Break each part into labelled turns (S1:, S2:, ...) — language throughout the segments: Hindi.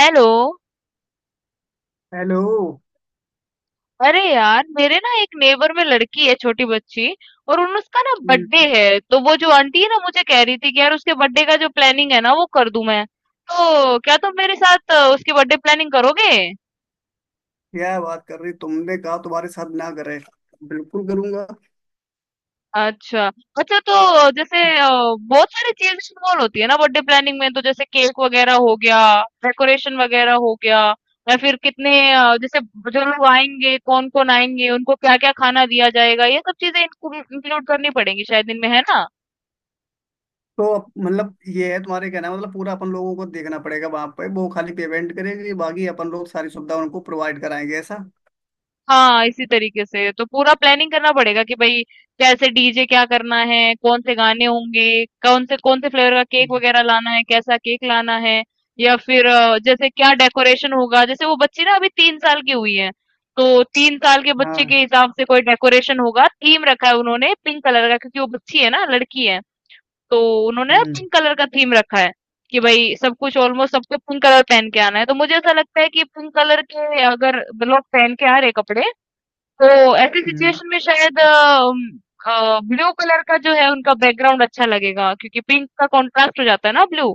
S1: हेलो।
S2: हेलो।
S1: अरे यार, मेरे ना एक नेबर में लड़की है, छोटी बच्ची। और उन उसका ना बर्थडे
S2: हम्म,
S1: है, तो वो जो आंटी है ना, मुझे कह रही थी कि यार उसके बर्थडे का जो प्लानिंग है ना, वो कर दूं मैं। तो क्या तुम मेरे साथ उसकी बर्थडे प्लानिंग करोगे?
S2: क्या बात कर रही तुमने कहा तुम्हारे साथ ना करे। बिल्कुल करूंगा।
S1: अच्छा। अच्छा, तो जैसे बहुत सारी चीजें इन्वॉल्व होती है ना बर्थडे प्लानिंग में। तो जैसे केक वगैरह हो गया, डेकोरेशन वगैरह हो गया, या फिर कितने जैसे जो लोग आएंगे, कौन-कौन आएंगे, उनको क्या-क्या खाना दिया जाएगा, ये सब चीजें इंक्लूड करनी पड़ेंगी शायद इनमें, है ना?
S2: तो अब मतलब ये है तुम्हारे कहना मतलब पूरा अपन लोगों को देखना पड़ेगा वहां पे वो खाली पेमेंट करेगी बाकी अपन लोग सारी सुविधा उनको प्रोवाइड कराएंगे ऐसा।
S1: हाँ, इसी तरीके से तो पूरा प्लानिंग करना पड़ेगा कि भाई कैसे, डीजे क्या करना है, कौन से गाने होंगे, कौन से फ्लेवर का केक वगैरह लाना है, कैसा केक लाना है, या फिर जैसे क्या डेकोरेशन होगा। जैसे वो बच्ची ना अभी 3 साल है। तो 3 साल के
S2: हाँ।
S1: हिसाब से कोई डेकोरेशन होगा। थीम रखा है उन्होंने पिंक कलर का, क्योंकि वो बच्ची है ना, लड़की है। तो उन्होंने ना
S2: हम्म।
S1: पिंक कलर का थीम रखा है कि भाई सब कुछ ऑलमोस्ट, सबको पिंक कलर पहन के आना है। तो मुझे ऐसा लगता है कि पिंक कलर के अगर लोग पहन के आ रहे कपड़े, तो ऐसी
S2: हम्म।
S1: सिचुएशन में शायद ब्लू कलर का जो है उनका बैकग्राउंड अच्छा लगेगा, क्योंकि पिंक का कॉन्ट्रास्ट हो जाता है ना ब्लू।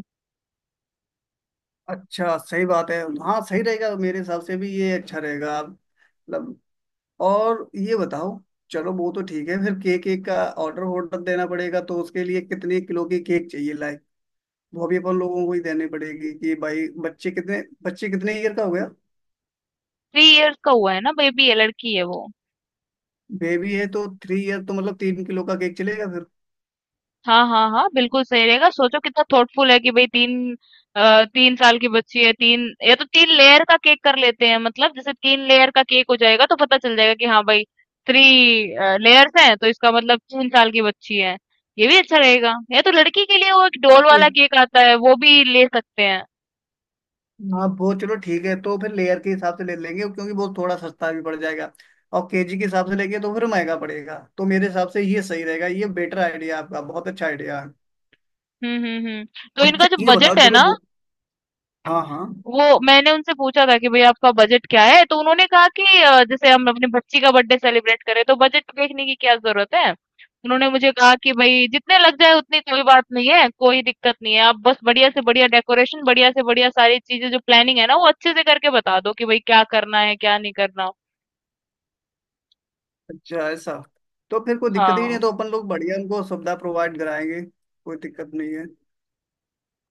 S2: अच्छा सही बात है। हाँ सही रहेगा मेरे हिसाब से भी ये अच्छा रहेगा। मतलब और ये बताओ। चलो वो तो ठीक है। फिर केक केक का ऑर्डर ऑर्डर देना पड़ेगा तो उसके लिए कितने किलो की केक चाहिए लाए? वो भी अपन लोगों को ही देनी पड़ेगी कि भाई बच्चे कितने ईयर का हो गया।
S1: 3 इयर्स का हुआ है ना, बेबी है, लड़की है वो।
S2: बेबी है तो 3 ईयर तो मतलब 3 किलो का केक चलेगा फिर।
S1: हाँ हाँ हाँ, बिल्कुल सही रहेगा। सोचो कितना थॉटफुल है कि भाई तीन, 3 साल है, तीन, या तो तीन लेयर का केक कर लेते हैं। मतलब जैसे तीन लेयर का केक हो जाएगा तो पता चल जाएगा कि हाँ भाई, थ्री लेयर्स हैं तो इसका मतलब 3 साल है। ये भी अच्छा रहेगा, या तो लड़की के लिए वो एक
S2: हाँ
S1: डोल वाला केक आता है, वो भी ले सकते हैं।
S2: हाँ, वो चलो ठीक है तो फिर लेयर के हिसाब से ले लेंगे क्योंकि वो थोड़ा सस्ता भी पड़ जाएगा। और केजी के हिसाब से लेंगे तो फिर महंगा पड़ेगा तो मेरे हिसाब से ये सही रहेगा। ये बेटर आइडिया आपका। बहुत अच्छा आइडिया है।
S1: हुँ, हुँ, हुँ। तो इनका
S2: अच्छा
S1: जो
S2: ये बताओ
S1: बजट है
S2: चलो
S1: ना,
S2: वो। हाँ हाँ।
S1: वो मैंने उनसे पूछा था कि भई आपका बजट क्या है? तो उन्होंने कहा कि जैसे हम अपनी बच्ची का बर्थडे सेलिब्रेट करें तो बजट देखने की क्या ज़रूरत है? उन्होंने मुझे कहा कि भई जितने लग जाए उतनी, कोई बात नहीं है, कोई दिक्कत नहीं है। आप बस बढ़िया से बढ़िया डेकोरेशन, बढ़िया से बढ़िया सारी चीज़ें जो प्लानिंग है ना, वो अच्छे से करके बता दो कि भई क्या करना है, क्या नहीं करना।
S2: अच्छा ऐसा। तो फिर कोई दिक्कत ही नहीं है
S1: हाँ।
S2: तो अपन लोग बढ़िया उनको सुविधा प्रोवाइड कराएंगे। कोई दिक्कत नहीं है।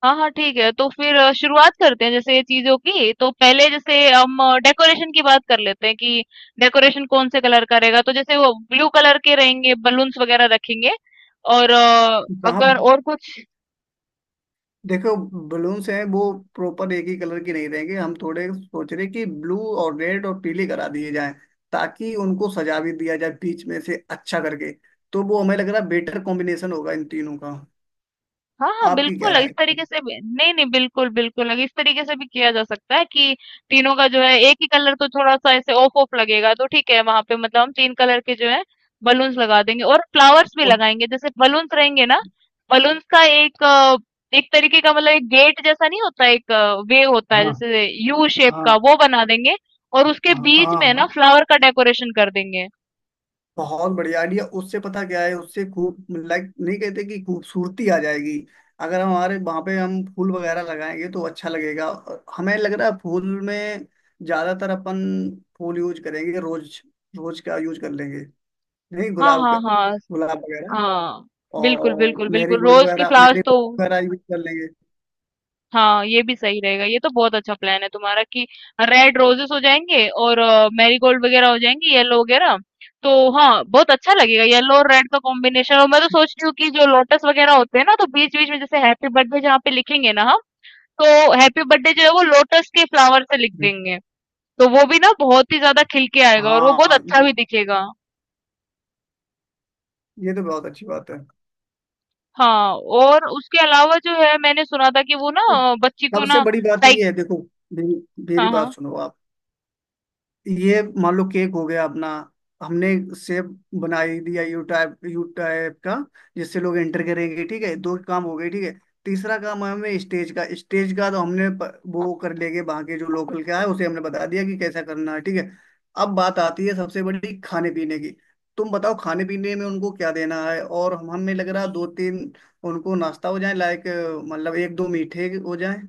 S1: हाँ, हाँ, ठीक है। तो फिर शुरुआत करते हैं जैसे ये चीज़ों की। तो पहले जैसे हम डेकोरेशन की बात कर लेते हैं कि डेकोरेशन कौन से कलर करेगा। तो जैसे वो ब्लू कलर के रहेंगे, बलून्स वगैरह रखेंगे, और
S2: वहाँ
S1: अगर और कुछ।
S2: देखो बलून्स हैं वो प्रॉपर एक ही कलर की नहीं रहेंगे। हम थोड़े सोच रहे कि ब्लू और रेड और पीली करा दिए जाएं ताकि उनको सजा भी दिया जाए बीच में से अच्छा करके। तो वो हमें लग रहा है बेटर कॉम्बिनेशन होगा इन तीनों का।
S1: हाँ हाँ
S2: आपकी क्या
S1: बिल्कुल, इस
S2: राय है?
S1: तरीके से भी, नहीं नहीं, बिल्कुल बिल्कुल इस तरीके से भी किया जा सकता है कि तीनों का जो है एक ही कलर तो थोड़ा सा ऐसे ऑफ ऑफ लगेगा, तो ठीक है, वहां पे मतलब हम तीन कलर के जो है बलून्स लगा देंगे और फ्लावर्स भी
S2: और-
S1: लगाएंगे। जैसे बलून्स रहेंगे ना, बलून्स का एक एक तरीके का, मतलब एक गेट जैसा नहीं होता, एक वे होता है,
S2: हाँ
S1: जैसे यू शेप का,
S2: हाँ
S1: वो बना देंगे। और उसके
S2: हाँ
S1: बीच
S2: हाँ
S1: में ना
S2: हाँ।
S1: फ्लावर का डेकोरेशन कर देंगे।
S2: बहुत बढ़िया आइडिया। उससे पता क्या है उससे खूब लाइक नहीं कहते कि खूबसूरती आ जाएगी। अगर हम हमारे वहां पे हम फूल वगैरह लगाएंगे तो अच्छा लगेगा। और हमें लग रहा है फूल में ज्यादातर अपन फूल यूज करेंगे। रोज रोज का यूज कर लेंगे। नहीं
S1: हाँ
S2: गुलाब का।
S1: हाँ हाँ
S2: गुलाब वगैरह
S1: हाँ, बिल्कुल
S2: और
S1: बिल्कुल
S2: मेरी
S1: बिल्कुल,
S2: गोल्ड
S1: रोज के
S2: वगैरह
S1: फ्लावर्स
S2: मेरी
S1: तो,
S2: वगैरह यूज कर लेंगे।
S1: हाँ ये भी सही रहेगा। ये तो बहुत अच्छा प्लान है तुम्हारा कि रेड रोजेस हो जाएंगे, और मैरीगोल्ड वगैरह हो जाएंगी, येलो वगैरह। तो हाँ, बहुत अच्छा लगेगा, येलो और रेड का कॉम्बिनेशन। और मैं तो सोच रही हूँ कि जो लोटस वगैरह होते हैं ना, तो बीच बीच में जैसे हैप्पी बर्थडे जहाँ पे लिखेंगे ना हम, तो हैप्पी बर्थडे जो है वो लोटस के फ्लावर से लिख
S2: हम्म।
S1: देंगे। तो वो भी ना बहुत ही ज्यादा खिल के आएगा, और वो बहुत
S2: हाँ
S1: अच्छा भी दिखेगा।
S2: ये तो बहुत अच्छी बात है।
S1: हाँ। और उसके अलावा जो है, मैंने सुना था कि वो ना, बच्ची को
S2: सबसे
S1: ना,
S2: बड़ी बात
S1: साइक।
S2: ये है देखो मेरी मेरी
S1: हाँ हाँ।
S2: बात सुनो आप। ये मान लो केक हो गया अपना। हमने सेब बना ही दिया यू टाइप का जिससे लोग एंटर करेंगे। ठीक है दो काम हो गए ठीक है। तीसरा काम है हमें स्टेज का तो हमने वो कर लेंगे वहाँ के जो लोकल क्या है उसे हमने बता दिया कि कैसा करना है ठीक है। अब बात आती है सबसे बड़ी खाने पीने की। तुम बताओ खाने पीने में उनको क्या देना है और हम हमें लग रहा है दो तीन उनको नाश्ता हो जाए लाइक। मतलब एक दो मीठे हो जाए,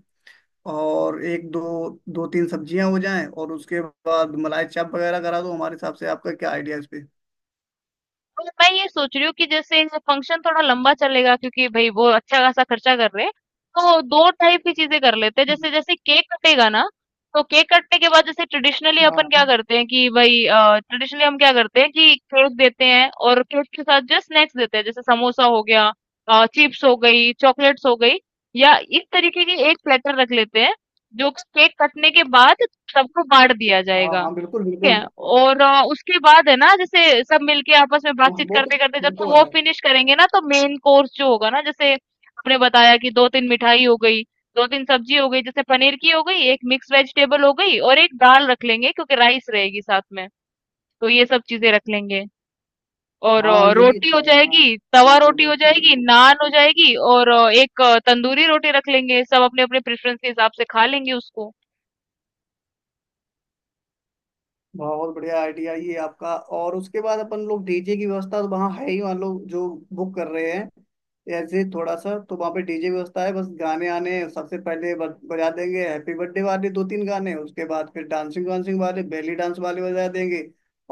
S2: और एक दो दो तीन सब्जियां हो जाएं और उसके बाद मलाई चाप वगैरह करा दो। हमारे हिसाब से आपका क्या आइडिया है इस पे?
S1: और मैं ये सोच रही हूँ कि जैसे फंक्शन थोड़ा लंबा चलेगा, क्योंकि भाई वो अच्छा खासा खर्चा कर रहे हैं। तो दो टाइप की चीजें कर लेते हैं। जैसे जैसे केक कटेगा ना, तो केक कटने के बाद जैसे ट्रेडिशनली अपन
S2: हाँ
S1: क्या करते हैं कि भाई, ट्रेडिशनली हम क्या करते हैं कि केक देते हैं और केक के साथ जो स्नैक्स देते हैं, जैसे समोसा हो गया, चिप्स हो गई, चॉकलेट्स हो गई, या इस तरीके की एक प्लेटर रख लेते हैं, जो कि केक कटने के बाद सबको बांट दिया
S2: हाँ
S1: जाएगा।
S2: हाँ बिल्कुल
S1: ठीक है,
S2: बिल्कुल।
S1: और उसके बाद है ना, जैसे सब मिलके आपस में
S2: हाँ,
S1: बातचीत
S2: वो तो
S1: करते करते, जब
S2: वो
S1: तक
S2: तो
S1: वो
S2: है।
S1: फिनिश करेंगे ना, तो मेन कोर्स जो होगा ना, जैसे आपने बताया कि दो तीन मिठाई हो गई, दो तीन सब्जी हो गई, जैसे पनीर की हो गई, एक मिक्स वेजिटेबल हो गई और एक दाल रख लेंगे, क्योंकि राइस रहेगी साथ में। तो ये सब चीजें रख लेंगे, और
S2: हाँ ये भी
S1: रोटी हो
S2: अच्छा है हाँ।
S1: जाएगी, तवा
S2: बिल्कुल
S1: रोटी हो
S2: बिल्कुल
S1: जाएगी,
S2: बिल्कुल।
S1: नान हो जाएगी और एक तंदूरी रोटी रख लेंगे, सब अपने अपने प्रेफरेंस के हिसाब से खा लेंगे उसको।
S2: बहुत बढ़िया आइडिया ये आपका। और उसके बाद अपन लोग डीजे की व्यवस्था तो वहाँ है ही मान लो जो बुक कर रहे हैं। ऐसे थोड़ा सा तो वहाँ पे डीजे व्यवस्था है। बस गाने आने सबसे पहले बजा देंगे हैप्पी बर्थडे वाले दो तीन गाने। उसके बाद फिर डांसिंग वांसिंग वाले बेली डांस वाले बजा देंगे।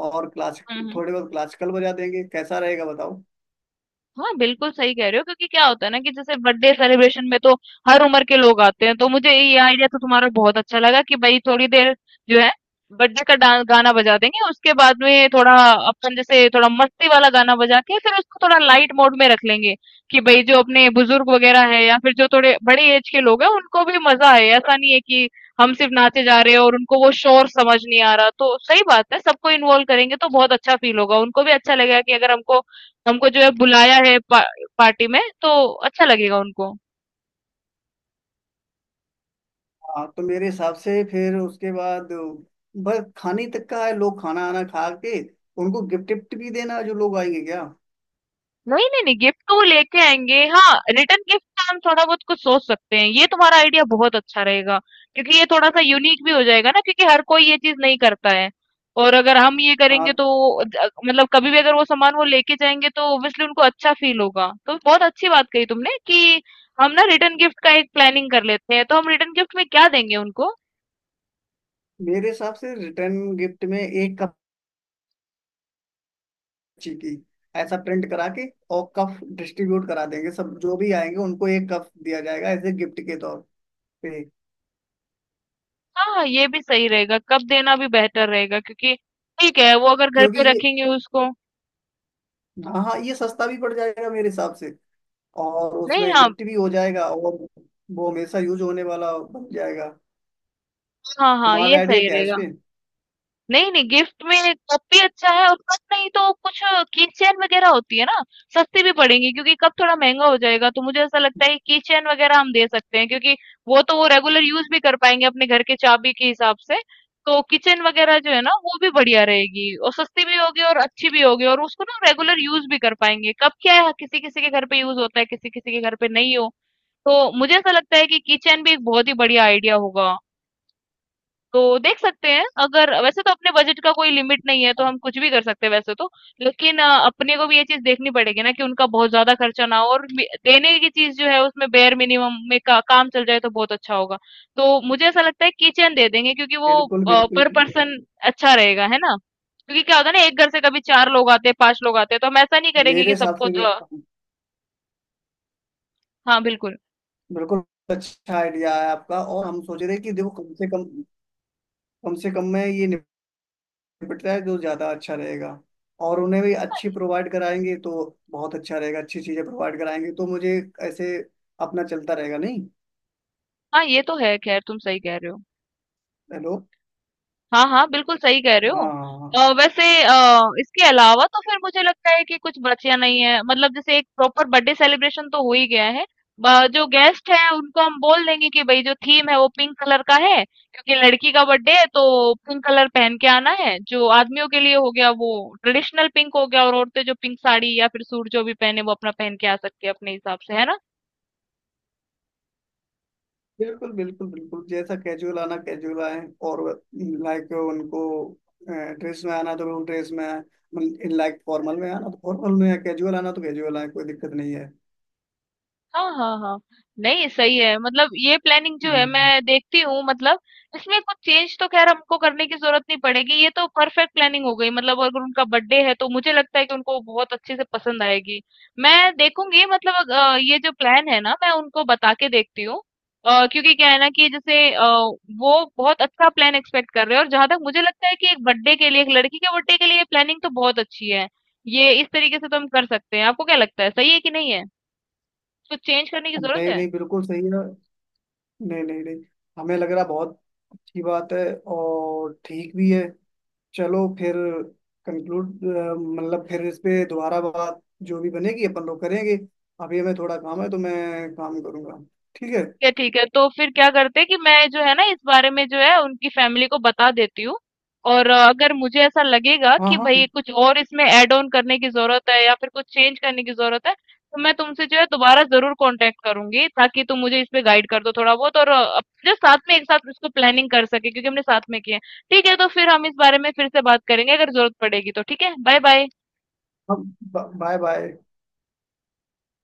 S2: और
S1: हम्म
S2: क्लासिक
S1: हम्म।
S2: थोड़े बहुत क्लासिकल बजा देंगे। कैसा रहेगा बताओ?
S1: हाँ, बिल्कुल सही कह रहे हो। क्योंकि क्या होता है ना कि जैसे बर्थडे सेलिब्रेशन में तो हर उम्र के लोग आते हैं। तो मुझे ये आइडिया तो तुम्हारा बहुत अच्छा लगा कि भाई थोड़ी देर जो है बर्थडे का गाना बजा देंगे, उसके बाद में थोड़ा अपन जैसे थोड़ा मस्ती वाला गाना बजा के फिर उसको थोड़ा लाइट मोड में रख लेंगे कि भाई जो अपने बुजुर्ग वगैरह है, या फिर जो थोड़े बड़ी एज के लोग हैं उनको भी मजा आए। ऐसा नहीं है कि हम सिर्फ नाचे जा रहे हैं और उनको वो शोर समझ नहीं आ रहा। तो सही बात है, सबको इन्वॉल्व करेंगे तो बहुत अच्छा फील होगा, उनको भी अच्छा लगेगा कि अगर हमको हमको जो है बुलाया है पार्टी में, तो अच्छा लगेगा उनको।
S2: हाँ तो मेरे हिसाब से फिर उसके बाद बस खाने तक का है। लोग खाना आना खा के उनको गिफ्ट विफ्ट भी देना है जो लोग आएंगे क्या?
S1: नहीं, नहीं, नहीं, गिफ्ट तो वो लेके आएँगे। हाँ, रिटर्न गिफ्ट का हम थोड़ा बहुत कुछ सोच सकते हैं। ये तुम्हारा आइडिया बहुत अच्छा रहेगा, क्योंकि ये थोड़ा-सा यूनिक भी हो जाएगा ना, क्योंकि हर कोई ये चीज़ नहीं करता है। और अगर हम ये
S2: हाँ।
S1: करेंगे तो ज मतलब कभी भी अगर वो सामान वो लेके जाएँगे तो ऑब्वियसली उनको अच्छा फ़ील होगा। तो बहुत अच्छी बात कही तुमने कि हम ना रिटर्न गिफ्ट का एक प्लानिंग कर लेते हैं। तो हम रिटर्न गिफ्ट में क्या देंगे उनको?
S2: मेरे हिसाब से रिटर्न गिफ्ट में एक कप ची की ऐसा प्रिंट करा के और कप डिस्ट्रीब्यूट करा देंगे। सब जो भी आएंगे उनको एक कप दिया जाएगा एज ए गिफ्ट के तौर पे।
S1: हाँ, ये भी सही रहेगा। कब देना भी बेहतर रहेगा, क्योंकि ठीक है, वो अगर घर
S2: क्योंकि
S1: पे
S2: ये
S1: रखेंगे उसको।
S2: हाँ हाँ ये सस्ता भी पड़ जाएगा मेरे हिसाब से। और
S1: नहीं,
S2: उसमें
S1: हाँ,
S2: गिफ्ट भी हो जाएगा और वो हमेशा यूज होने वाला बन जाएगा।
S1: हाँ, हाँ,
S2: तुम्हारा
S1: ये
S2: आइडिया
S1: सही
S2: क्या है इस
S1: रहेगा।
S2: पे?
S1: नहीं नहीं, गिफ्ट में कप भी अच्छा है, और कप नहीं तो कुछ की चेन वगैरह होती है ना, सस्ती भी पड़ेंगी, क्योंकि कप थोड़ा महंगा हो जाएगा। तो मुझे ऐसा लगता है कि की चेन वगैरह हम दे सकते हैं, क्योंकि वो तो वो रेगुलर यूज भी कर पाएंगे अपने घर के चाबी के हिसाब से। तो किचन वगैरह जो है ना, वो भी बढ़िया रहेगी, और सस्ती भी होगी, और अच्छी भी होगी, और उसको ना रेगुलर यूज भी कर पाएंगे। कप क्या है, किसी किसी के घर पे यूज होता है, किसी किसी के घर पे नहीं हो। तो मुझे ऐसा लगता है कि किचन भी एक बहुत ही बढ़िया आइडिया होगा। तो देख सकते हैं, अगर वैसे तो अपने बजट का कोई लिमिट नहीं है तो हम कुछ भी कर सकते हैं वैसे तो। लेकिन अपने को भी ये चीज देखनी पड़ेगी ना कि उनका बहुत ज्यादा खर्चा ना हो, और देने की चीज जो है उसमें बेयर मिनिमम में काम चल जाए तो बहुत अच्छा होगा। तो मुझे ऐसा लगता है किचन दे देंगे, क्योंकि वो
S2: बिल्कुल बिल्कुल
S1: पर
S2: बिल्कुल।
S1: पर्सन अच्छा रहेगा है ना। क्योंकि क्या होता है ना, एक घर से कभी चार लोग आते हैं, पांच लोग आते हैं, तो हम ऐसा नहीं करेंगे
S2: मेरे
S1: कि
S2: हिसाब
S1: सबको
S2: से भी
S1: हाँ बिल्कुल।
S2: बिल्कुल। अच्छा आइडिया है आपका। और हम सोच रहे हैं कि देखो कम से कम में ये निपटता है जो ज्यादा अच्छा रहेगा। और उन्हें भी अच्छी प्रोवाइड कराएंगे तो बहुत अच्छा रहेगा। अच्छी चीजें प्रोवाइड कराएंगे तो मुझे ऐसे अपना चलता रहेगा नहीं।
S1: हाँ, ये तो है, खैर तुम सही कह रहे हो।
S2: हेलो।
S1: हाँ, हाँ, बिल्कुल सही कह रहे
S2: हाँ
S1: हो।
S2: हाँ हाँ।
S1: वैसे इसके अलावा तो फिर मुझे लगता है कि कुछ बचा नहीं है। मतलब जैसे एक प्रॉपर बर्थडे सेलिब्रेशन तो हो ही गया है। ब जो गेस्ट हैं उनको हम बोल देंगे कि भई जो थीम है वो पिंक कलर का है, क्योंकि लड़की का बर्थडे है तो पिंक कलर पहन के आना है। जो आदमियों के लिए हो गया वो ट्रेडिशनल पिंक हो गया, और औरतें जो पिंक साड़ी या फिर सूट जो भी पहने वो अपना पहन के आ सकती है अपने हिसाब से, है ना?
S2: बिल्कुल बिल्कुल बिल्कुल जैसा कैजुअल आना कैजुअल आए। और लाइक उनको ड्रेस में आना तो बिल्कुल ड्रेस में आए। लाइक फॉर्मल में आना तो फॉर्मल में आए। कैजुअल आना तो कैजुअल आए। कोई दिक्कत नहीं है।
S1: हाँ हाँ हाँ। नहीं सही है, मतलब ये प्लानिंग जो है
S2: हम्म।
S1: मैं देखती हूँ, मतलब इसमें कुछ चेंज तो खैर हमको करने की जरूरत नहीं पड़ेगी, ये तो परफेक्ट प्लानिंग हो गई। मतलब अगर उनका बर्थडे है तो मुझे लगता है कि उनको बहुत अच्छे से पसंद आएगी। मैं देखूंगी, मतलब ये जो प्लान है ना, मैं उनको बता के देखती हूँ, क्योंकि क्या है ना कि जैसे वो बहुत अच्छा प्लान एक्सपेक्ट कर रहे हैं। और जहां तक मुझे लगता है कि एक बर्थडे के लिए, एक लड़की के बर्थडे के लिए, प्लानिंग तो बहुत अच्छी है। ये इस तरीके से तो हम कर सकते हैं। आपको क्या लगता है, सही है कि नहीं है, तो चेंज करने की जरूरत
S2: नहीं
S1: है?
S2: नहीं बिल्कुल सही है। नहीं नहीं नहीं। हमें लग रहा बहुत अच्छी बात है और ठीक भी है। चलो फिर कंक्लूड मतलब फिर इस पे दोबारा बात जो भी बनेगी अपन लोग करेंगे। अभी हमें थोड़ा काम है तो मैं काम करूंगा। ठीक है।
S1: क्या ठीक है, तो फिर क्या करते हैं कि मैं जो है ना इस बारे में जो है उनकी फैमिली को बता देती हूँ, और अगर मुझे ऐसा लगेगा
S2: हाँ
S1: कि
S2: हाँ।
S1: भाई कुछ और इसमें ऐड ऑन करने की जरूरत है, या फिर कुछ चेंज करने की जरूरत है, तो मैं तुमसे जो है दोबारा जरूर कांटेक्ट करूंगी, ताकि तुम मुझे इस पे गाइड कर दो थोड़ा बहुत। और जो साथ में एक साथ इसको प्लानिंग कर सके, क्योंकि हमने साथ में किया है। ठीक है, तो फिर हम इस बारे में फिर से बात करेंगे अगर जरूरत पड़ेगी तो। ठीक है, बाय बाय।
S2: Bye bye.